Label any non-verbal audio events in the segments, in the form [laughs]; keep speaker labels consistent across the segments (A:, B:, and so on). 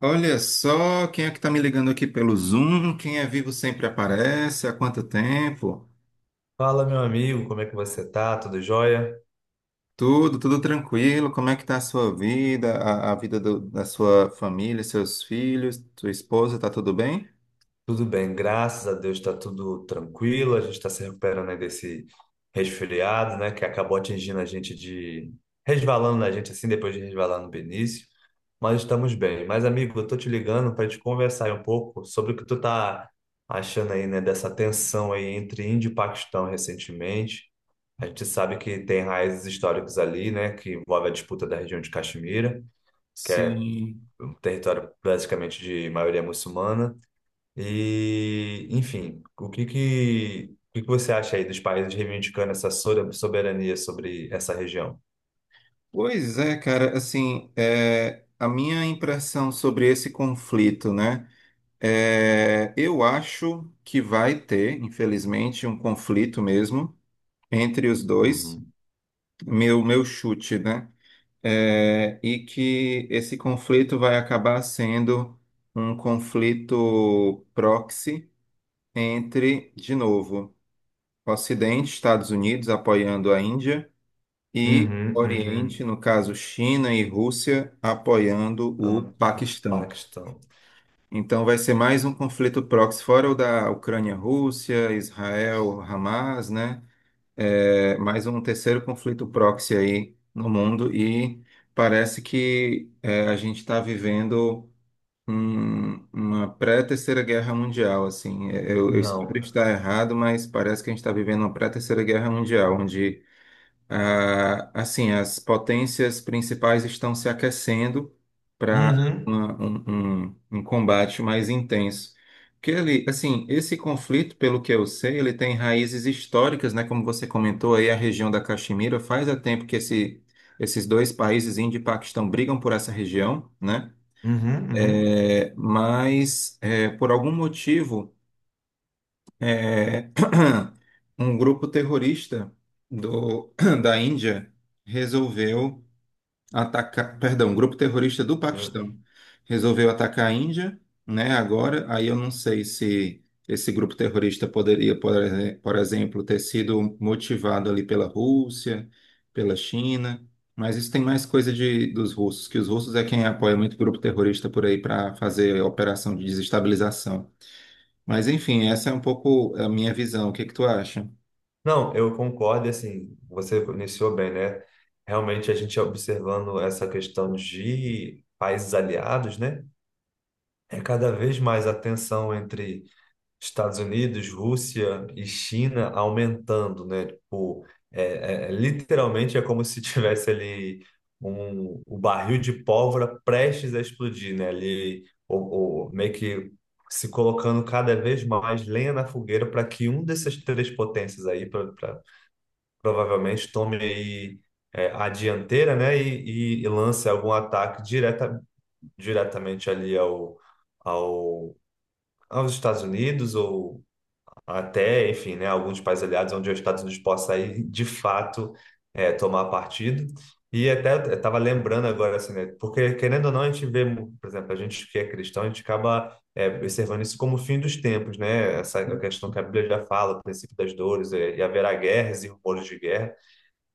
A: Olha só quem é que está me ligando aqui pelo Zoom. Quem é vivo sempre aparece. Há quanto tempo?
B: Fala, meu amigo, como é que você tá? Tudo jóia?
A: Tudo tranquilo. Como é que está a sua vida, a vida da sua família, seus filhos, sua esposa? Tá tudo bem?
B: Tudo bem, graças a Deus tá tudo tranquilo. A gente está se recuperando aí desse resfriado, né, que acabou atingindo a gente de resvalando na gente assim depois de resvalar no Benício, mas estamos bem. Mas amigo, eu tô te ligando para te conversar aí um pouco sobre o que tu tá achando aí, né, dessa tensão aí entre Índia e Paquistão recentemente. A gente sabe que tem raízes históricas ali, né, que envolve a disputa da região de Caxemira que é
A: Sim.
B: território basicamente de maioria muçulmana. E, enfim, o que que você acha aí dos países reivindicando essa soberania sobre essa região?
A: Pois é, cara. Assim, a minha impressão sobre esse conflito, né? Eu acho que vai ter, infelizmente, um conflito mesmo entre os dois.
B: Uhum.
A: Meu chute, né? E que esse conflito vai acabar sendo um conflito proxy entre, de novo, Ocidente, Estados Unidos apoiando a Índia e
B: Uhum,
A: Oriente,
B: uhum.
A: no caso China e Rússia, apoiando
B: Eu
A: o
B: não- O
A: Paquistão.
B: Paquistão.
A: Então vai ser mais um conflito proxy, fora o da Ucrânia-Rússia, Israel-Hamas, né? É mais um terceiro conflito proxy aí no mundo e parece que a gente está vivendo uma pré-terceira guerra mundial, assim. É, eu espero
B: Não.
A: estar errado, mas parece que a gente está vivendo uma pré-terceira guerra mundial, onde assim, as potências principais estão se aquecendo para
B: Uhum,
A: um combate mais intenso. Porque ele, assim, esse conflito, pelo que eu sei, ele tem raízes históricas, né? Como você comentou aí, a região da Caxemira, faz há tempo que esses dois países, Índia e Paquistão, brigam por essa região, né?
B: uhum,
A: É, mas por algum motivo, é, [clears throat] um grupo terrorista do- [clears throat] da Índia resolveu atacar, perdão, um grupo terrorista do
B: uhum.
A: Paquistão resolveu atacar a Índia, né? Agora, aí eu não sei se esse grupo terrorista poderia, por exemplo, ter sido motivado ali pela Rússia, pela China, mas isso tem mais coisa de, dos russos, que os russos é quem apoia muito grupo terrorista por aí para fazer operação de desestabilização. Mas enfim, essa é um pouco a minha visão. O que que tu acha?
B: Não, eu concordo, e, assim, você iniciou bem, né? Realmente a gente observando essa questão de países aliados, né? É cada vez mais a tensão entre Estados Unidos, Rússia e China aumentando, né? Tipo, é, literalmente é como se [laughs] tivesse ali o barril de pólvora prestes a explodir, né? Ali, meio que se colocando cada vez mais lenha na fogueira para que um dessas três potências aí provavelmente tome aí a dianteira, né? E, e lance algum ataque direta, diretamente ao, aos Estados Unidos ou até, enfim, né, alguns países aliados onde os Estados Unidos possa ir, de fato, tomar partido. E até eu estava lembrando agora, assim, né, porque querendo ou não, a gente vê, por exemplo, a gente que é cristão, a gente acaba observando isso como o fim dos tempos, né? Essa questão que a Bíblia já fala, o princípio das dores, e haverá guerras e rumores de guerra.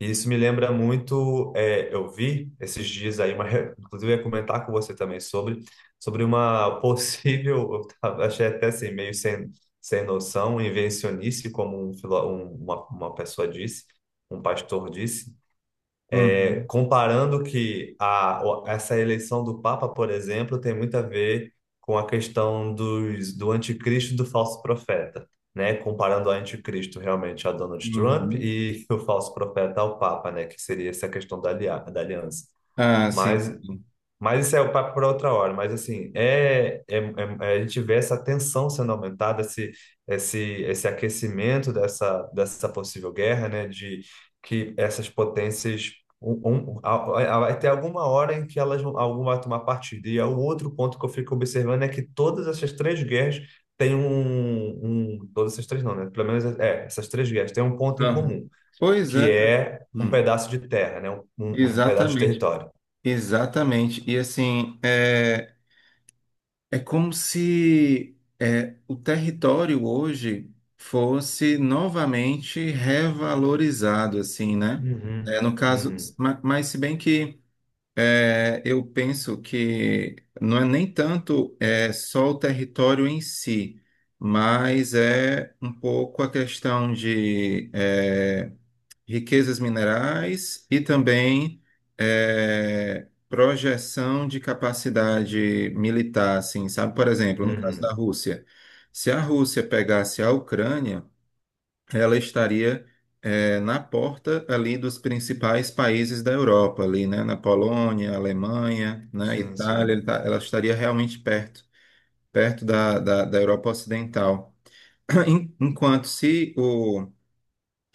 B: E isso me lembra muito, é, eu vi esses dias aí, inclusive eu ia comentar com você também sobre uma [laughs] possível, achei até assim, meio sem, sem noção, invencionice, como uma pessoa disse, um pastor disse,
A: Uhum,
B: comparando que essa eleição do Papa, por exemplo, tem muito a ver com a questão do anticristo e do falso profeta, né? Comparando o anticristo realmente a Donald Trump
A: uhum.
B: e [laughs] o falso profeta ao Papa, né? Que seria essa questão da aliança.
A: Ah, sim.
B: Mas mas isso é o papo para outra hora. Mas assim, a gente vê essa tensão sendo aumentada, esse aquecimento dessa possível guerra, né? De que essas potências vai ter alguma hora em que alguma vai tomar partido. E é o outro ponto que eu fico observando é que todas essas três guerras têm um, um todas essas três não, né? Pelo menos é, essas três guerras têm um ponto em
A: Uhum.
B: comum,
A: Pois
B: que
A: é.
B: é um
A: Hum.
B: pedaço de terra, né? Um pedaço de
A: Exatamente,
B: território.
A: exatamente. E assim, é como se o território hoje fosse novamente revalorizado, assim, né?
B: Uhum.
A: É, no caso,
B: Uhum.
A: mas, se bem que eu penso que não é nem tanto só o território em si, mas é um pouco a questão de. Riquezas minerais e também projeção de capacidade militar, assim, sabe? Por exemplo, no caso da
B: Uhum.
A: Rússia, se a Rússia pegasse a Ucrânia, ela estaria na porta ali dos principais países da Europa, ali, né? Na Polônia, Alemanha, né?
B: Sim,
A: Itália,
B: sim.
A: ela estaria realmente perto, perto da Europa Ocidental. [clears throat] Enquanto se o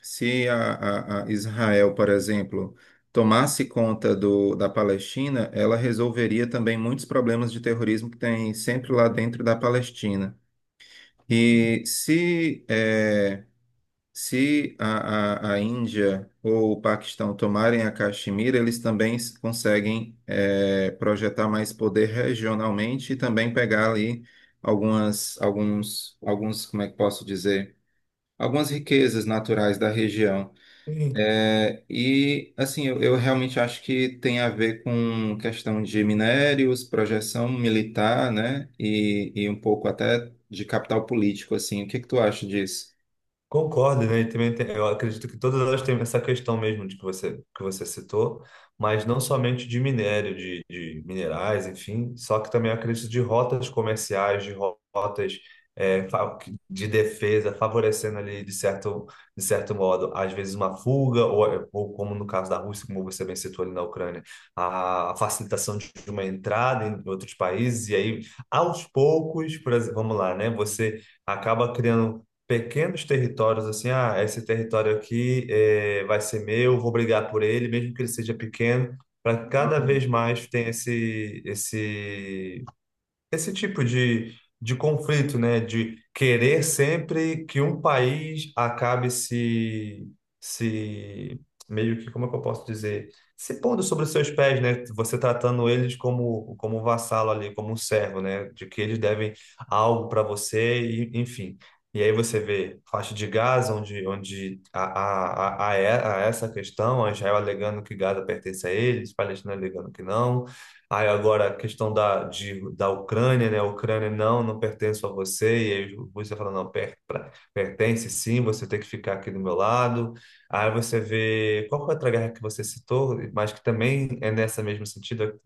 A: se a, a Israel, por exemplo, tomasse conta da Palestina, ela resolveria também muitos problemas de terrorismo que tem sempre lá dentro da Palestina. E se a Índia ou o Paquistão tomarem a Caxemira, eles também conseguem, eh, projetar mais poder regionalmente e também pegar ali algumas, alguns, como é que posso dizer? Algumas riquezas naturais da região. É, e assim, eu realmente acho que tem a ver com questão de minérios, projeção militar, né? E um pouco até de capital político, assim. O que que tu acha disso?
B: Concordo, né? Eu acredito que todas elas têm essa questão mesmo de que você citou, mas não somente de minério, de minerais, enfim, só que também eu acredito de rotas comerciais, rotas é, fa- de defesa, favorecendo ali de certo modo, às vezes uma fuga, ou como no caso da Rússia, como você bem citou ali na Ucrânia, a facilitação de uma entrada em outros países, e aí, aos poucos, por exemplo, vamos lá, né? Você acaba criando pequenos territórios, assim, ah, esse território aqui vai ser meu, vou brigar por ele, mesmo que ele seja pequeno, para que cada vez
A: Uhum.
B: mais tenha esse tipo de conflito, né? De querer sempre que um país acabe se, se meio que, como é que eu posso dizer? Se pondo sobre os seus pés, né? Você tratando eles como, como um vassalo ali, como um servo, né? De que eles devem algo para você, e, enfim. E aí você vê faixa de Gaza, onde a essa questão, a Israel alegando que Gaza pertence a eles, Palestina alegando que não. Aí agora a questão da Ucrânia, né? A Ucrânia não pertence a você. E aí você fala, não, pertence sim, você tem que ficar aqui do meu lado. Aí você vê, qual foi a outra guerra que você citou, mas que também é nessa mesmo sentido?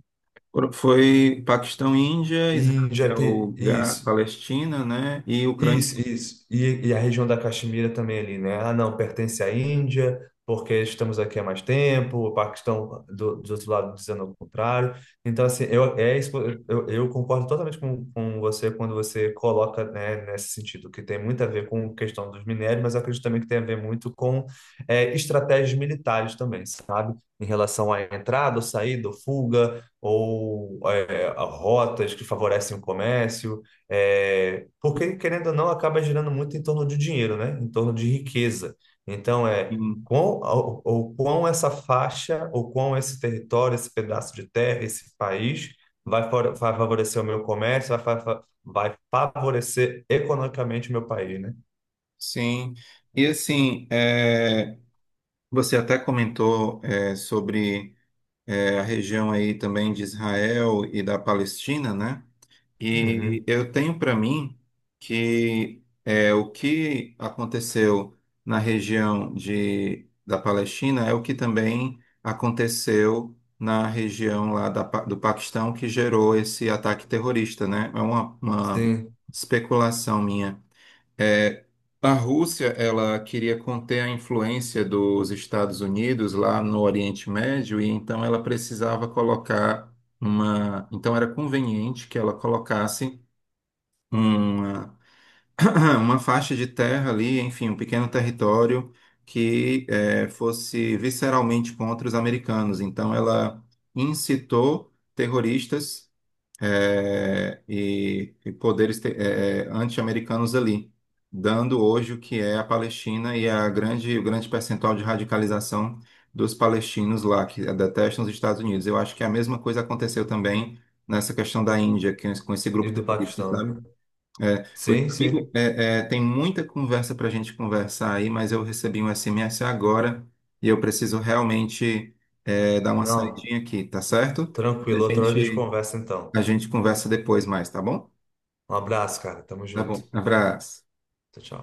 A: Foi Paquistão, Índia, Israel,
B: Isso.
A: Palestina, né? E Ucrânia.
B: Isso, isso. E a região da Caxemira também ali, né? Ah, não, pertence à Índia, porque estamos aqui há mais tempo, o Paquistão do outro lado dizendo o contrário. Então, assim, eu concordo totalmente com você quando você coloca, né, nesse sentido, que tem muito a ver com a questão dos minérios, mas eu acredito também que tem a ver muito com é, estratégias militares também, sabe? Em relação à entrada, ou saída, ou fuga, ou é, a rotas que favorecem o comércio. É, porque, querendo ou não, acaba girando muito em torno de dinheiro, né? Em torno de riqueza. Então, é
A: Sim.
B: quão, ou quão essa faixa, ou quão esse território, esse pedaço de terra, esse país vai favorecer o meu comércio, vai favorecer economicamente o meu país, né?
A: Sim. E assim, é, você até comentou sobre a região aí também de Israel e da Palestina, né?
B: Uhum.
A: E
B: Uhum.
A: eu tenho para mim que o que aconteceu na região da Palestina é o que também aconteceu na região lá da, do Paquistão que gerou esse ataque terrorista, né? É uma
B: Sim,
A: especulação minha. É, a Rússia, ela queria conter a influência dos Estados Unidos lá no Oriente Médio e então ela precisava colocar uma, então era conveniente que ela colocasse uma [clears throat] uma faixa de terra ali, enfim, um pequeno território que eh, fosse visceralmente contra os americanos. Então ela incitou terroristas e poderes anti-americanos ali, dando hoje o que é a Palestina e o grande percentual de radicalização dos palestinos lá, que detestam os Estados Unidos. Eu acho que a mesma coisa aconteceu também nessa questão da Índia, que, com esse
B: e
A: grupo
B: do
A: terrorista,
B: Paquistão.
A: sabe?
B: Né?
A: É, pois,
B: Sim,
A: amigo,
B: sim.
A: tem muita conversa para a gente conversar aí, mas eu recebi um SMS agora e eu preciso realmente dar uma
B: Não,
A: saidinha aqui, tá certo? A
B: tranquilo. Outra hora a gente
A: gente
B: conversa então.
A: a gente conversa depois mais, tá bom?
B: Um abraço, cara. Tamo
A: Tá
B: junto.
A: bom. Abraço.
B: Tchau, tchau.